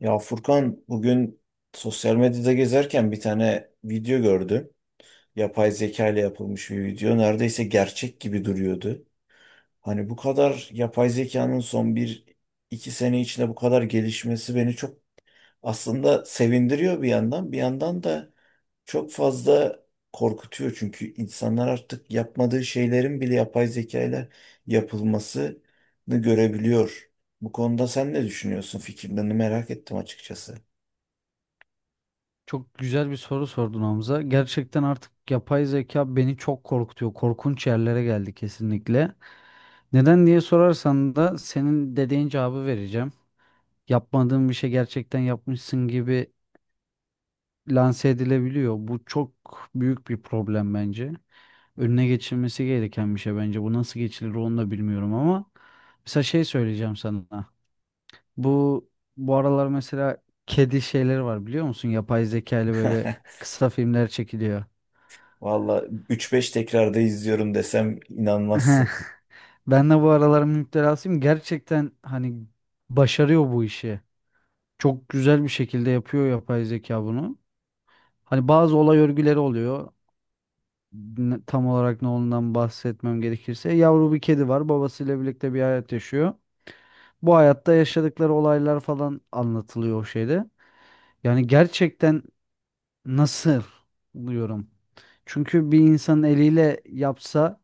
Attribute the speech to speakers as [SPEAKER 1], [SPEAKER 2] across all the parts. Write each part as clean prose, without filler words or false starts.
[SPEAKER 1] Ya Furkan bugün sosyal medyada gezerken bir tane video gördüm. Yapay zeka ile yapılmış bir video. Neredeyse gerçek gibi duruyordu. Hani bu kadar yapay zekanın son bir iki sene içinde bu kadar gelişmesi beni çok aslında sevindiriyor bir yandan. Bir yandan da çok fazla korkutuyor. Çünkü insanlar artık yapmadığı şeylerin bile yapay zeka ile yapılmasını görebiliyor. Bu konuda sen ne düşünüyorsun? Fikirlerini merak ettim açıkçası.
[SPEAKER 2] Çok güzel bir soru sordun Hamza. Gerçekten artık yapay zeka beni çok korkutuyor. Korkunç yerlere geldi kesinlikle. Neden diye sorarsan da senin dediğin cevabı vereceğim. Yapmadığın bir şey gerçekten yapmışsın gibi lanse edilebiliyor. Bu çok büyük bir problem bence. Önüne geçilmesi gereken bir şey bence. Bu nasıl geçilir onu da bilmiyorum ama mesela şey söyleyeceğim sana. Bu bu aralar mesela kedi şeyleri var biliyor musun? Yapay zeka ile böyle kısa filmler çekiliyor.
[SPEAKER 1] Valla üç beş tekrarda izliyorum desem inanmazsın.
[SPEAKER 2] Ben de bu aralar müptelasıyım. Gerçekten hani başarıyor bu işi. Çok güzel bir şekilde yapıyor yapay zeka bunu. Hani bazı olay örgüleri oluyor. Tam olarak ne olduğundan bahsetmem gerekirse, yavru bir kedi var. Babasıyla birlikte bir hayat yaşıyor. Bu hayatta yaşadıkları olaylar falan anlatılıyor o şeyde. Yani gerçekten nasıl diyorum. Çünkü bir insan eliyle yapsa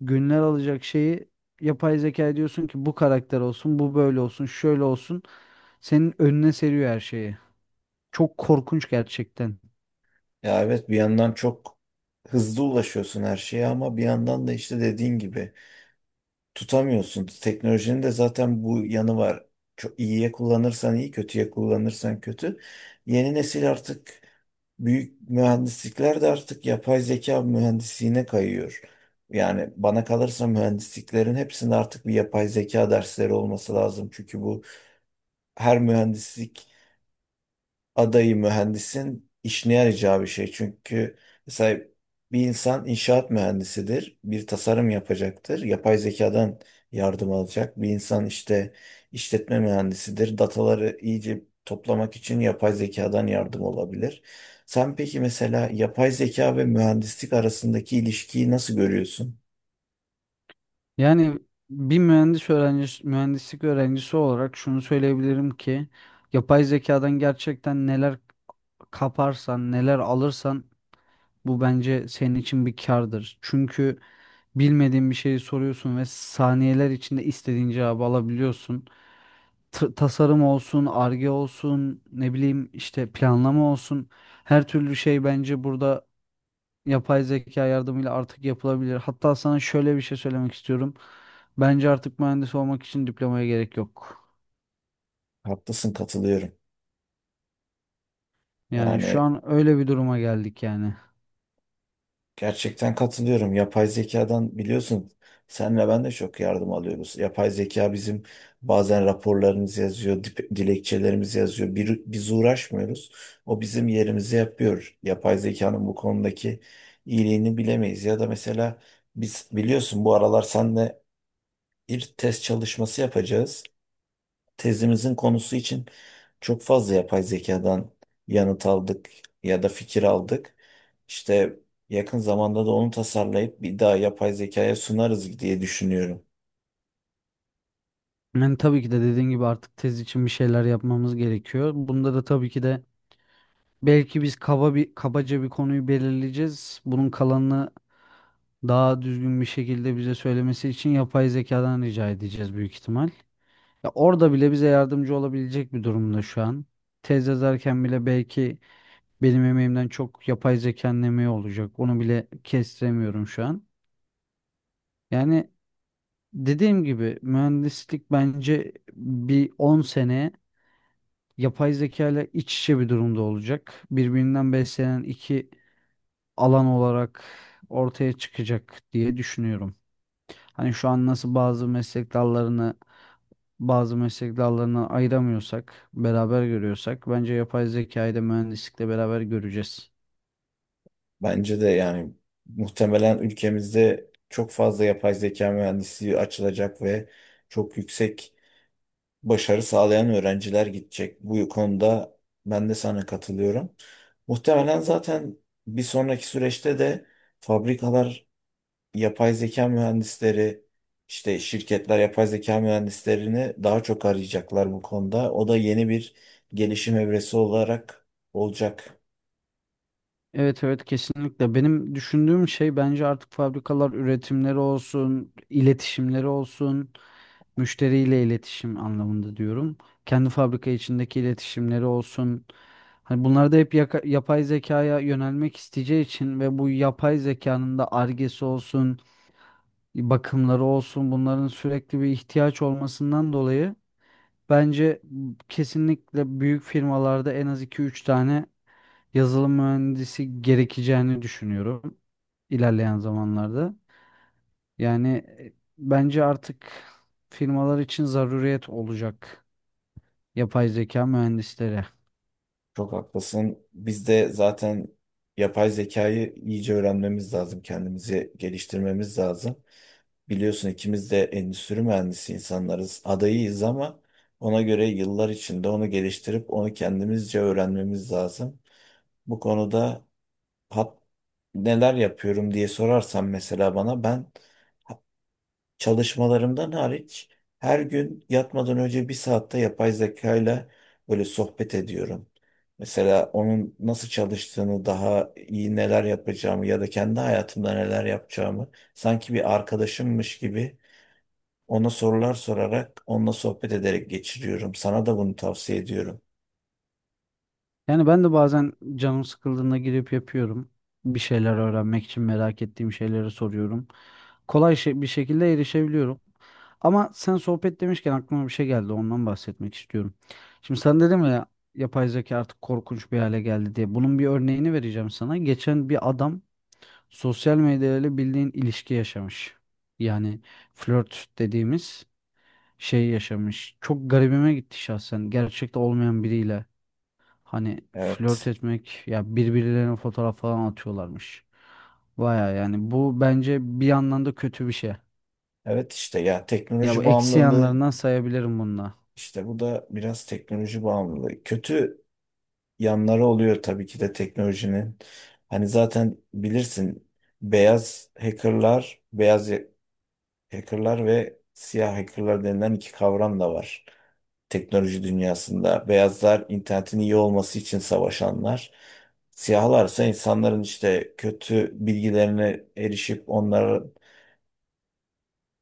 [SPEAKER 2] günler alacak şeyi yapay zeka diyorsun ki bu karakter olsun, bu böyle olsun, şöyle olsun. Senin önüne seriyor her şeyi. Çok korkunç gerçekten.
[SPEAKER 1] Ya evet, bir yandan çok hızlı ulaşıyorsun her şeye ama bir yandan da işte dediğin gibi tutamıyorsun. Teknolojinin de zaten bu yanı var. Çok iyiye kullanırsan iyi, kötüye kullanırsan kötü. Yeni nesil artık büyük mühendislikler de artık yapay zeka mühendisliğine kayıyor. Yani bana kalırsa mühendisliklerin hepsinde artık bir yapay zeka dersleri olması lazım. Çünkü bu her mühendislik adayı mühendisin işine yarayacağı bir şey. Çünkü mesela bir insan inşaat mühendisidir, bir tasarım yapacaktır, yapay zekadan yardım alacak. Bir insan işte işletme mühendisidir, dataları iyice toplamak için yapay zekadan yardım olabilir. Sen peki mesela yapay zeka ve mühendislik arasındaki ilişkiyi nasıl görüyorsun?
[SPEAKER 2] Yani mühendislik öğrencisi olarak şunu söyleyebilirim ki yapay zekadan gerçekten neler kaparsan, neler alırsan bu bence senin için bir kârdır. Çünkü bilmediğin bir şeyi soruyorsun ve saniyeler içinde istediğin cevabı alabiliyorsun. Tasarım olsun, arge olsun, ne bileyim işte planlama olsun. Her türlü şey bence burada yapay zeka yardımıyla artık yapılabilir. Hatta sana şöyle bir şey söylemek istiyorum. Bence artık mühendis olmak için diplomaya gerek yok.
[SPEAKER 1] Haklısın, katılıyorum.
[SPEAKER 2] Yani şu
[SPEAKER 1] Yani
[SPEAKER 2] an öyle bir duruma geldik yani.
[SPEAKER 1] gerçekten katılıyorum. Yapay zekadan biliyorsun senle ben de çok yardım alıyoruz. Yapay zeka bizim bazen raporlarımızı yazıyor, dilekçelerimizi yazıyor. Bir, biz uğraşmıyoruz. O bizim yerimizi yapıyor. Yapay zekanın bu konudaki iyiliğini bilemeyiz. Ya da mesela biz biliyorsun bu aralar senle bir test çalışması yapacağız tezimizin konusu için çok fazla yapay zekadan yanıt aldık ya da fikir aldık. İşte yakın zamanda da onu tasarlayıp bir daha yapay zekaya sunarız diye düşünüyorum.
[SPEAKER 2] Yani tabii ki de dediğin gibi artık tez için bir şeyler yapmamız gerekiyor. Bunda da tabii ki de belki biz kabaca bir konuyu belirleyeceğiz. Bunun kalanını daha düzgün bir şekilde bize söylemesi için yapay zekadan rica edeceğiz büyük ihtimal. Ya orada bile bize yardımcı olabilecek bir durumda şu an. Tez yazarken bile belki benim emeğimden çok yapay zekanın emeği olacak. Onu bile kestiremiyorum şu an. Yani dediğim gibi mühendislik bence bir 10 sene yapay zeka ile iç içe bir durumda olacak. Birbirinden beslenen iki alan olarak ortaya çıkacak diye düşünüyorum. Hani şu an nasıl bazı meslek dallarını ayıramıyorsak, beraber görüyorsak bence yapay zekayı da mühendislikle beraber göreceğiz.
[SPEAKER 1] Bence de yani muhtemelen ülkemizde çok fazla yapay zeka mühendisliği açılacak ve çok yüksek başarı sağlayan öğrenciler gidecek. Bu konuda ben de sana katılıyorum. Muhtemelen zaten bir sonraki süreçte de fabrikalar yapay zeka mühendisleri, işte şirketler yapay zeka mühendislerini daha çok arayacaklar bu konuda. O da yeni bir gelişim evresi olarak olacak.
[SPEAKER 2] Evet evet kesinlikle. Benim düşündüğüm şey bence artık fabrikalar üretimleri olsun, iletişimleri olsun, müşteriyle iletişim anlamında diyorum. Kendi fabrika içindeki iletişimleri olsun. Hani bunlar da hep yapay zekaya yönelmek isteyeceği için ve bu yapay zekanın da argesi olsun, bakımları olsun bunların sürekli bir ihtiyaç olmasından dolayı bence kesinlikle büyük firmalarda en az iki üç tane yazılım mühendisi gerekeceğini düşünüyorum ilerleyen zamanlarda. Yani bence artık firmalar için zaruriyet olacak yapay zeka mühendisleri.
[SPEAKER 1] Çok haklısın. Biz de zaten yapay zekayı iyice öğrenmemiz lazım. Kendimizi geliştirmemiz lazım. Biliyorsun ikimiz de endüstri mühendisi insanlarız. Adayıyız ama ona göre yıllar içinde onu geliştirip onu kendimizce öğrenmemiz lazım. Bu konuda hat neler yapıyorum diye sorarsan mesela bana, ben çalışmalarımdan hariç her gün yatmadan önce bir saatte yapay zekayla böyle sohbet ediyorum. Mesela onun nasıl çalıştığını daha iyi neler yapacağımı ya da kendi hayatımda neler yapacağımı sanki bir arkadaşımmış gibi ona sorular sorarak onunla sohbet ederek geçiriyorum. Sana da bunu tavsiye ediyorum.
[SPEAKER 2] Yani ben de bazen canım sıkıldığında girip yapıyorum. Bir şeyler öğrenmek için merak ettiğim şeyleri soruyorum. Kolay şey, bir şekilde erişebiliyorum. Ama sen sohbet demişken aklıma bir şey geldi. Ondan bahsetmek istiyorum. Şimdi sen dedim ya, yapay zeka artık korkunç bir hale geldi diye. Bunun bir örneğini vereceğim sana. Geçen bir adam sosyal medyayla bildiğin ilişki yaşamış. Yani flört dediğimiz şey yaşamış. Çok garibime gitti şahsen. Gerçekte olmayan biriyle. Hani flört
[SPEAKER 1] Evet.
[SPEAKER 2] etmek ya, birbirlerine fotoğraf falan atıyorlarmış. Baya yani bu bence bir yandan da kötü bir şey.
[SPEAKER 1] Evet, işte ya,
[SPEAKER 2] Ya
[SPEAKER 1] teknoloji
[SPEAKER 2] bu eksi
[SPEAKER 1] bağımlılığı.
[SPEAKER 2] yanlarından sayabilirim bununla.
[SPEAKER 1] İşte bu da biraz teknoloji bağımlılığı. Kötü yanları oluyor tabii ki de teknolojinin. Hani zaten bilirsin beyaz hackerlar, beyaz hackerlar ve siyah hackerlar denilen iki kavram da var teknoloji dünyasında. Beyazlar internetin iyi olması için savaşanlar. Siyahlarsa insanların işte kötü bilgilerine erişip onlara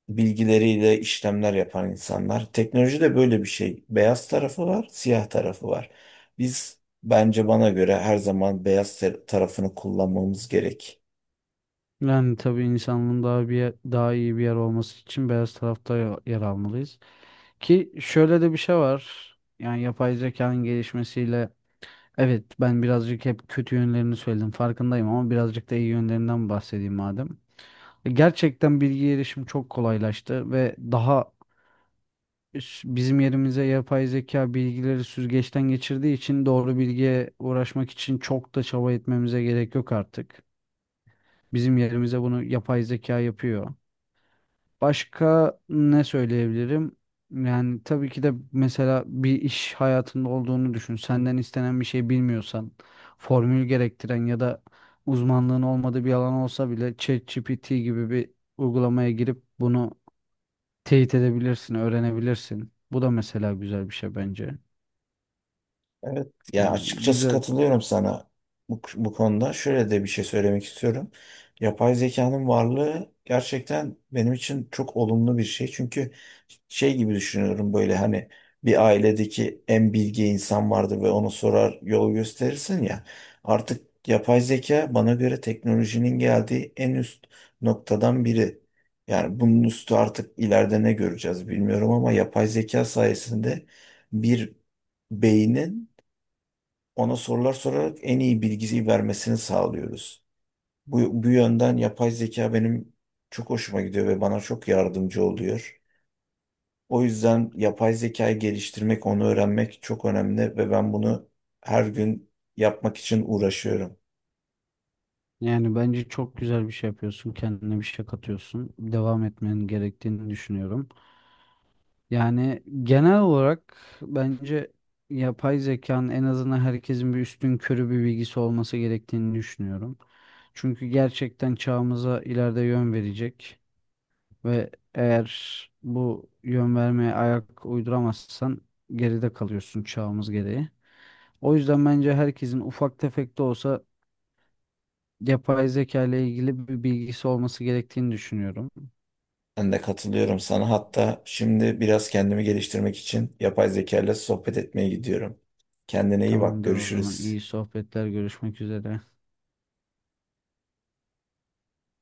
[SPEAKER 1] bilgileriyle işlemler yapan insanlar. Teknoloji de böyle bir şey. Beyaz tarafı var, siyah tarafı var. Biz bence bana göre her zaman beyaz tarafını kullanmamız gerek.
[SPEAKER 2] Yani tabii insanlığın daha iyi bir yer olması için beyaz tarafta yer almalıyız. Ki şöyle de bir şey var. Yani yapay zekanın gelişmesiyle evet ben birazcık hep kötü yönlerini söyledim farkındayım ama birazcık da iyi yönlerinden bahsedeyim madem. Gerçekten bilgi erişim çok kolaylaştı ve bizim yerimize yapay zeka bilgileri süzgeçten geçirdiği için doğru bilgiye uğraşmak için çok da çaba etmemize gerek yok artık. Bizim yerimize bunu yapay zeka yapıyor. Başka ne söyleyebilirim? Yani tabii ki de mesela bir iş hayatında olduğunu düşün. Senden istenen bir şey bilmiyorsan, formül gerektiren ya da uzmanlığın olmadığı bir alan olsa bile ChatGPT gibi bir uygulamaya girip bunu teyit edebilirsin, öğrenebilirsin. Bu da mesela güzel bir şey bence.
[SPEAKER 1] Evet, yani
[SPEAKER 2] Yani
[SPEAKER 1] açıkçası
[SPEAKER 2] güzel,
[SPEAKER 1] katılıyorum sana bu konuda. Şöyle de bir şey söylemek istiyorum. Yapay zekanın varlığı gerçekten benim için çok olumlu bir şey. Çünkü şey gibi düşünüyorum, böyle hani bir ailedeki en bilge insan vardı ve ona sorar yol gösterirsin ya. Artık yapay zeka bana göre teknolojinin geldiği en üst noktadan biri. Yani bunun üstü artık ileride ne göreceğiz bilmiyorum ama yapay zeka sayesinde bir beynin ona sorular sorarak en iyi bilgiyi vermesini sağlıyoruz. Bu yönden yapay zeka benim çok hoşuma gidiyor ve bana çok yardımcı oluyor. O yüzden yapay zekayı geliştirmek, onu öğrenmek çok önemli ve ben bunu her gün yapmak için uğraşıyorum.
[SPEAKER 2] yani bence çok güzel bir şey yapıyorsun, kendine bir şey katıyorsun, devam etmenin gerektiğini düşünüyorum. Yani genel olarak bence yapay zekanın en azından herkesin bir üstün körü bir bilgisi olması gerektiğini düşünüyorum. Çünkü gerçekten çağımıza ileride yön verecek ve eğer bu yön vermeye ayak uyduramazsan geride kalıyorsun çağımız gereği. O yüzden bence herkesin ufak tefek de olsa yapay zeka ile ilgili bir bilgisi olması gerektiğini düşünüyorum.
[SPEAKER 1] Ben de katılıyorum sana. Hatta şimdi biraz kendimi geliştirmek için yapay zeka ile sohbet etmeye gidiyorum. Kendine iyi bak,
[SPEAKER 2] Tamamdır o zaman.
[SPEAKER 1] görüşürüz.
[SPEAKER 2] İyi sohbetler. Görüşmek üzere.